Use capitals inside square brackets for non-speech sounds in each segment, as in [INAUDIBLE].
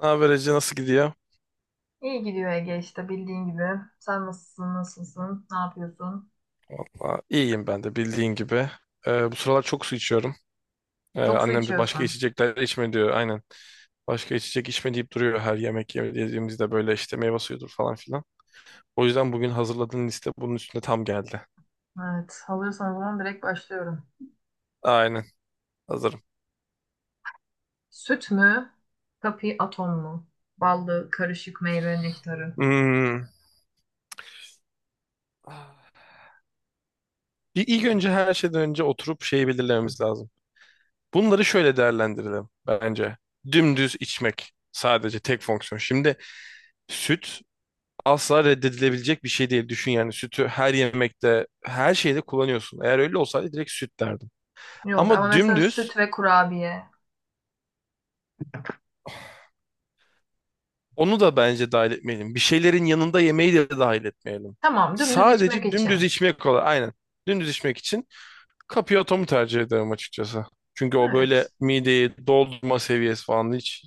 Ne haber Ece, nasıl gidiyor? İyi gidiyor Ege işte bildiğin gibi. Sen nasılsın, ne yapıyorsun? İyiyim ben de bildiğin gibi. Bu sıralar çok su içiyorum. Çok su Annem de başka içiyorsun. içecekler içme diyor aynen. Başka içecek içme deyip duruyor her yediğimizde böyle işte meyve suyudur falan filan. O yüzden bugün hazırladığın liste bunun üstüne tam geldi. Evet, hazırsan o zaman direkt başlıyorum. Aynen, hazırım. Süt mü, kapi atom mu? Ballı, karışık meyve nektarı. Hmm. Bir ilk önce her şeyden önce oturup şeyi belirlememiz lazım. Bunları şöyle değerlendirelim bence. Dümdüz içmek sadece tek fonksiyon. Şimdi süt asla reddedilebilecek bir şey değil. Düşün yani sütü her yemekte, her şeyde kullanıyorsun. Eğer öyle olsaydı direkt süt derdim. Yok ama Ama mesela dümdüz süt ve kurabiye. onu da bence dahil etmeyelim. Bir şeylerin yanında yemeği de dahil etmeyelim. Tamam, dümdüz içmek Sadece için. dümdüz içmek kolay. Aynen. Dümdüz içmek için Cappiotto'mu tercih ederim açıkçası. Çünkü o böyle Evet. mideyi doldurma seviyesi falan hiç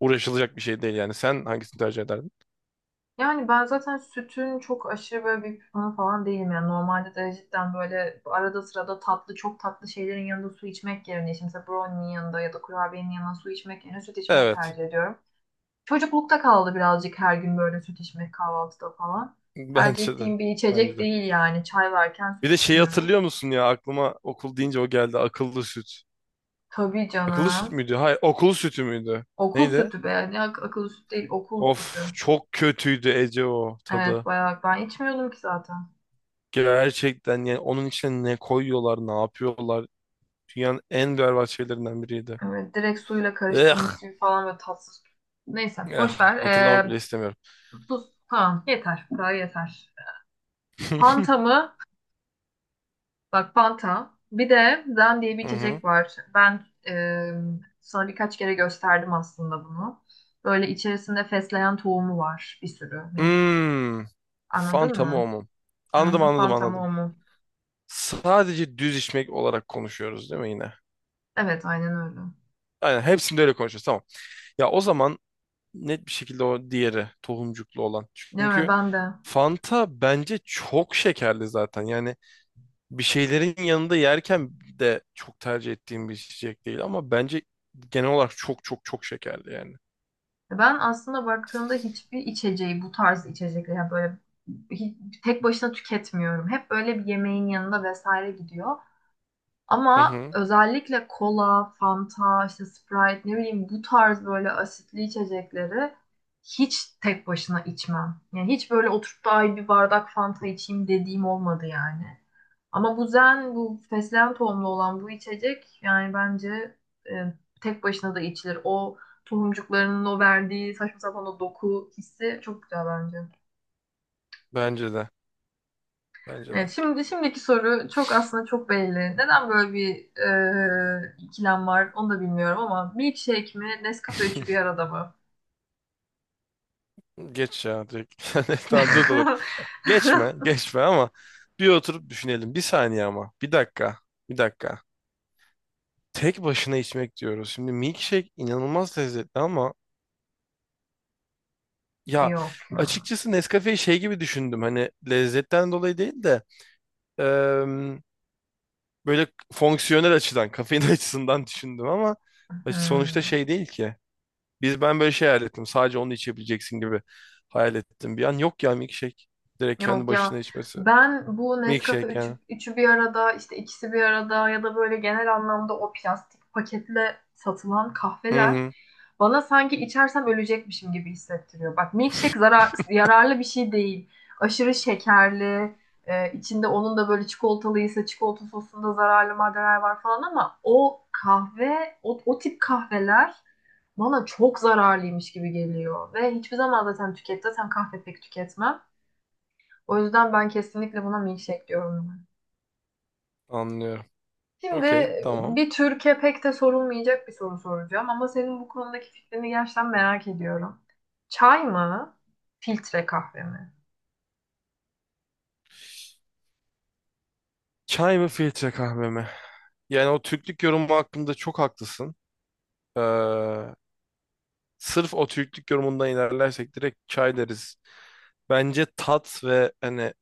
uğraşılacak bir şey değil yani. Sen hangisini tercih ederdin? Yani ben zaten sütün çok aşırı böyle bir fanı falan değilim. Yani normalde de cidden böyle arada sırada tatlı, çok tatlı şeylerin yanında su içmek yerine, işte mesela brownie'nin yanında ya da kurabiyenin yanında su içmek yerine süt içmeyi Evet. tercih ediyorum. Çocuklukta kaldı birazcık her gün böyle süt içmek kahvaltıda falan. [LAUGHS] Tercih Bence de. ettiğim bir Bence içecek de. değil yani. Çay varken Bir süt de şeyi içmiyoruz. hatırlıyor musun ya, aklıma okul deyince o geldi, akıllı süt. Tabii Akıllı süt canım. müydü? Hayır, okul sütü müydü? Okul Neydi? sütü be. Akıllı süt değil, okul Of, sütü. çok kötüydü Ece o Evet tadı. bayağı ben içmiyordum ki zaten. Gerçekten yani onun içine ne koyuyorlar, ne yapıyorlar? Dünyanın en berbat şeylerinden biriydi. Evet, direkt suyla Eh, karıştırılmış gibi falan böyle tatsız. Neyse eh, boş ver. hatırlamak bile istemiyorum. Tuz falan yeter. Bu kadar yeter. Fanta [LAUGHS] mı? Bak Fanta. Bir de Zen diye bir Hı hı. içecek var. Ben sana birkaç kere gösterdim aslında bunu. Böyle içerisinde fesleğen tohumu var bir sürü. Hmm. Anladın Fanta mı o mı? mu? Hı Anladım, hı, anladım, Fanta mı o anladım. mu? Sadece düz içmek olarak konuşuyoruz değil mi yine? Evet aynen öyle. Aynen, hepsinde öyle konuşuyoruz. Tamam. Ya o zaman net bir şekilde o diğeri, tohumcuklu olan. Ne öyle Çünkü ben de. Fanta bence çok şekerli zaten. Yani bir şeylerin yanında yerken de çok tercih ettiğim bir içecek değil ama bence genel olarak çok çok çok şekerli yani. Ben aslında baktığımda hiçbir içeceği bu tarz içecekleri yani böyle hi- tek başına tüketmiyorum. Hep böyle bir yemeğin yanında vesaire gidiyor. Hı Ama hı. özellikle kola, Fanta, işte Sprite ne bileyim bu tarz böyle asitli içecekleri hiç tek başına içmem. Yani hiç böyle oturup da ay bir bardak Fanta içeyim dediğim olmadı yani. Ama bu zen, bu fesleğen tohumlu olan bu içecek yani bence e, tek başına da içilir. O tohumcuklarının o verdiği saçma sapan o doku hissi çok güzel bence. Bence de. Bence Evet, de. şimdi şimdiki soru çok aslında çok belli. Neden böyle bir ikilem var onu da bilmiyorum ama milkshake mi Nescafe üçü bir [LAUGHS] arada mı? Geç ya direkt. [LAUGHS] Yani tamam, dur. [LAUGHS] Geçme ama bir oturup düşünelim. Bir saniye ama. Bir dakika. Bir dakika. Tek başına içmek diyoruz. Şimdi milkshake inanılmaz lezzetli ama ya Yok. açıkçası Nescafe'yi şey gibi düşündüm, hani lezzetten dolayı değil de em, böyle fonksiyonel açıdan kafein [LAUGHS] açısından düşündüm ama sonuçta Hmm. şey değil ki. Ben böyle şey hayal ettim, sadece onu içebileceksin gibi hayal ettim. Bir an yok ya, milkshake direkt kendi Yok başına ya içmesi. ben bu Nescafe Milkshake üçü, yani. üçü bir arada işte ikisi bir arada ya da böyle genel anlamda o plastik paketle satılan Hı kahveler hı, bana sanki içersem ölecekmişim gibi hissettiriyor. Bak milkshake zarar, yararlı bir şey değil. Aşırı şekerli, içinde onun da böyle çikolatalıysa çikolata sosunda zararlı maddeler var falan ama o kahve, o tip kahveler bana çok zararlıymış gibi geliyor. Ve hiçbir zaman zaten kahve pek tüketmem. O yüzden ben kesinlikle buna milkshake diyorum. Ben. anlıyorum. Şimdi Okey tamam. bir tür pek de sorulmayacak bir soru soracağım ama senin bu konudaki fikrini gerçekten merak ediyorum. Çay mı? Filtre kahve mi? Çay mı filtre kahve mi? Yani o Türklük yorumu hakkında çok haklısın. Ee, Sırf o Türklük yorumundan ilerlersek direkt çay deriz. Bence tat ve hani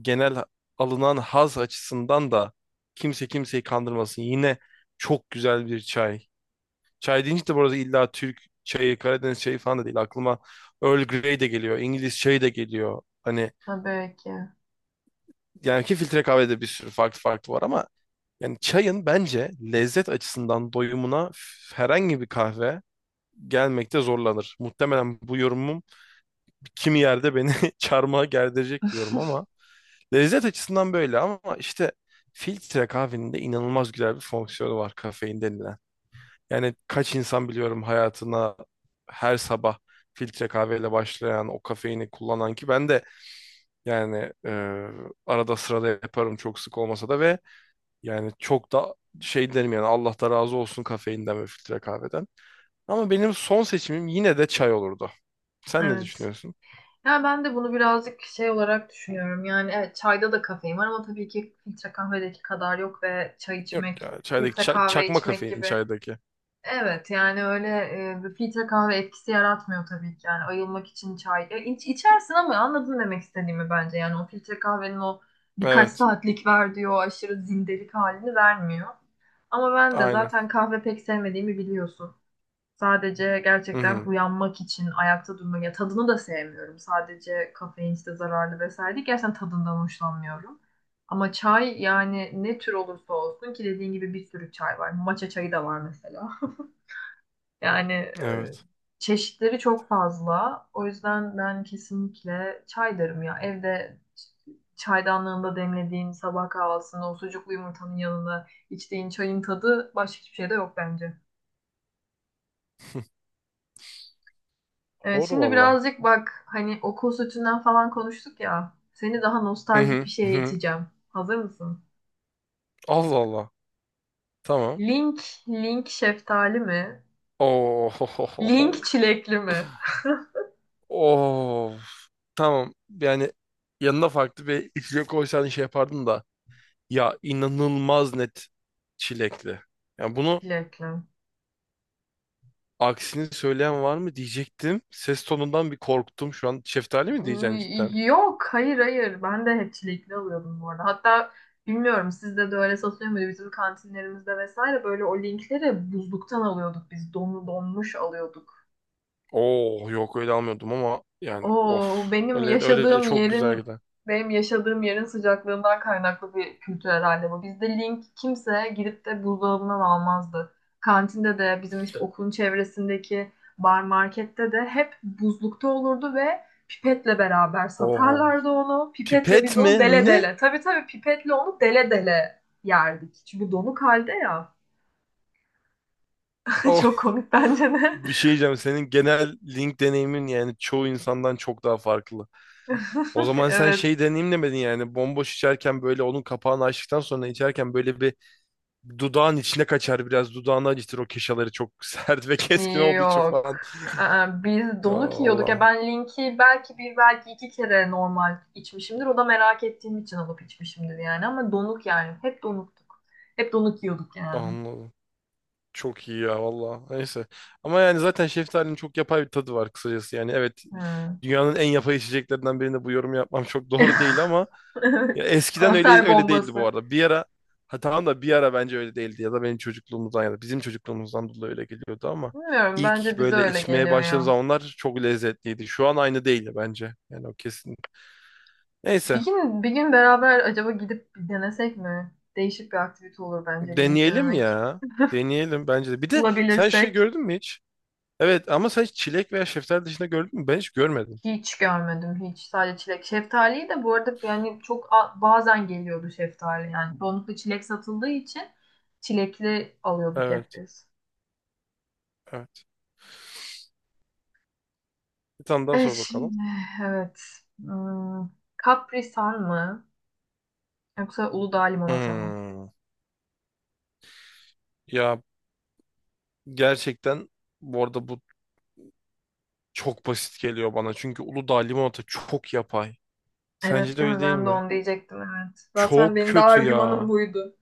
genel alınan haz açısından da kimse kimseyi kandırmasın. Yine çok güzel bir çay. Çay deyince de bu arada illa Türk çayı, Karadeniz çayı falan da değil. Aklıma Earl Grey de geliyor, İngiliz çayı da geliyor. Hani Tabii ki. yani ki filtre kahvede bir sürü farklı farklı var ama yani çayın bence lezzet açısından doyumuna herhangi bir kahve gelmekte zorlanır. Muhtemelen bu yorumum kimi yerde beni [LAUGHS] çarmıha gerdirecek diyorum ama lezzet açısından böyle ama işte filtre kahvenin de inanılmaz güzel bir fonksiyonu var, kafein denilen. Yani kaç insan biliyorum hayatına her sabah filtre kahveyle başlayan, o kafeini kullanan, ki ben de yani arada sırada yaparım çok sık olmasa da, ve yani çok da şey derim yani Allah da razı olsun kafeinden ve filtre kahveden. Ama benim son seçimim yine de çay olurdu. Sen ne Evet. düşünüyorsun? Yani ben de bunu birazcık şey olarak düşünüyorum. Yani evet çayda da kafein var ama tabii ki filtre kahvedeki kadar yok ve çay Yok içmek, ya çaydaki filtre kahve çakma içmek kafein gibi. çaydaki. Evet yani öyle bir filtre kahve etkisi yaratmıyor tabii ki yani ayılmak için çay ya, içersin ama anladın demek istediğimi bence yani o filtre kahvenin o birkaç Evet. saatlik verdiği o aşırı zindelik halini vermiyor. Ama ben de Aynen. zaten kahve pek sevmediğimi biliyorsun. Sadece Hı gerçekten hı. uyanmak için ayakta durmak ya, tadını da sevmiyorum. Sadece kafein işte zararlı vesaire değil. Gerçekten tadından hoşlanmıyorum. Ama çay yani ne tür olursa olsun ki dediğin gibi bir sürü çay var. Matcha çayı da var mesela. Yani Evet. çeşitleri çok fazla. O yüzden ben kesinlikle çay derim ya. Evde çaydanlığında demlediğin sabah kahvaltısında o sucuklu yumurtanın yanında içtiğin çayın tadı başka hiçbir şeyde yok bence. [LAUGHS] Evet, Doğru şimdi valla. birazcık bak hani okul sütünden falan konuştuk ya. Seni daha Hı nostaljik hı. bir Hı şeye hı. iteceğim. Hazır mısın? Allah Allah. Tamam. Link, link şeftali mi? Oh. Link çilekli mi? Oh. Tamam. Yani yanına farklı bir içecek koysan şey yapardın da. Ya inanılmaz net çilekli. Yani bunu Çilekli. aksini söyleyen var mı diyecektim. Ses tonundan bir korktum şu an. Şeftali mi diyeceksin cidden? Yok, hayır hayır. Ben de hep çilekli alıyordum bu arada. Hatta bilmiyorum sizde de öyle satılıyor muydu? Bizim kantinlerimizde vesaire böyle o linkleri buzluktan alıyorduk biz. Donlu donmuş alıyorduk. Oh yok, öyle almıyordum ama yani of. Oo, Öyle öyle de çok güzel gider. benim yaşadığım yerin sıcaklığından kaynaklı bir kültür herhalde bu. Bizde link kimse gidip de buzdolabından almazdı. Kantinde de bizim işte okulun çevresindeki bar markette de hep buzlukta olurdu ve pipetle beraber Oo. satarlardı onu. Pipetle Pipet biz mi? onu dele Ne? dele. Tabii tabii pipetle onu dele dele yerdik. Çünkü donuk halde ya. [LAUGHS] Çok Oh. komik bence de. Bir şey diyeceğim. Senin genel link deneyimin yani çoğu insandan çok daha farklı. O [LAUGHS] zaman sen Evet. şey deneyim demedin yani. Bomboş içerken böyle onun kapağını açtıktan sonra içerken böyle bir dudağın içine kaçar biraz. Dudağını acıtır o keşaları çok [LAUGHS] sert ve keskin olduğu için Yok. falan. Aa, biz Ya donuk yiyorduk ya, Allah. ben linki belki bir belki iki kere normal içmişimdir. O da merak ettiğim için alıp içmişimdir yani ama donuk yani. Hep donuktuk. Hep donuk yiyorduk yani. Anladım. Çok iyi ya valla. Neyse. Ama yani zaten şeftalinin çok yapay bir tadı var kısacası. Yani evet, Hmm. dünyanın en yapay içeceklerinden birinde bu yorumu yapmam çok [LAUGHS] doğru değil ama [LAUGHS] ya Evet. eskiden öyle Kanser öyle değildi bu bombası. arada. Bir ara ha tamam da, bir ara bence öyle değildi, ya da benim çocukluğumuzdan ya da bizim çocukluğumuzdan dolayı öyle geliyordu ama Bilmiyorum bence ilk bize böyle öyle içmeye geliyor başladığım ya. zamanlar çok lezzetliydi. Şu an aynı değil ya bence. Yani o kesin. Neyse, Bir gün beraber acaba gidip bir denesek mi? Değişik bir aktivite olur bence link deneyelim denemek. ya. Deneyelim bence de. Bir de sen şey Bulabilirsek. gördün mü hiç? Evet ama sen hiç çilek veya şeftali dışında gördün mü? Ben hiç görmedim. Hiç görmedim hiç. Sadece çilek. Şeftaliyi de bu arada yani bazen geliyordu şeftali yani. Çoğunlukla çilek satıldığı için çilekli alıyorduk hep Evet, biz. evet. Bir tane daha E sor bakalım. şimdi evet. Hmm, Capri Sun mı? Yoksa Uludağ limonata mı? Hmm. Ya gerçekten bu arada bu çok basit geliyor bana. Çünkü Uludağ limonata çok yapay. Sence Evet de değil öyle mi? değil Ben de mi? onu diyecektim evet. Zaten Çok benim de kötü argümanım ya. buydu.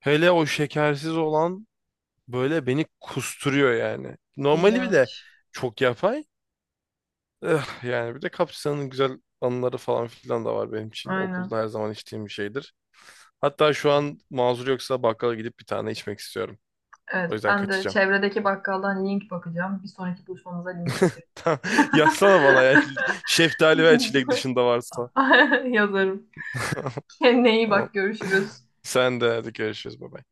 Hele o şekersiz olan böyle beni kusturuyor yani. Normali bir de İğrenç. çok yapay. Yani bir de Kapsa'nın güzel anıları falan filan da var benim için. Okulda Aynen. her zaman içtiğim bir şeydir. Hatta şu an mazur yoksa bakkala gidip bir tane içmek istiyorum. O Evet yüzden ben de kaçacağım. çevredeki bakkaldan link bakacağım. Bir sonraki buluşmamıza link getir. [LAUGHS] Yazsana bana ya şeftali ve çilek [LAUGHS] dışında varsa. [LAUGHS] Yazarım. Kendine iyi Tamam. bak görüşürüz. Sen de hadi, görüşürüz, bye. Bye.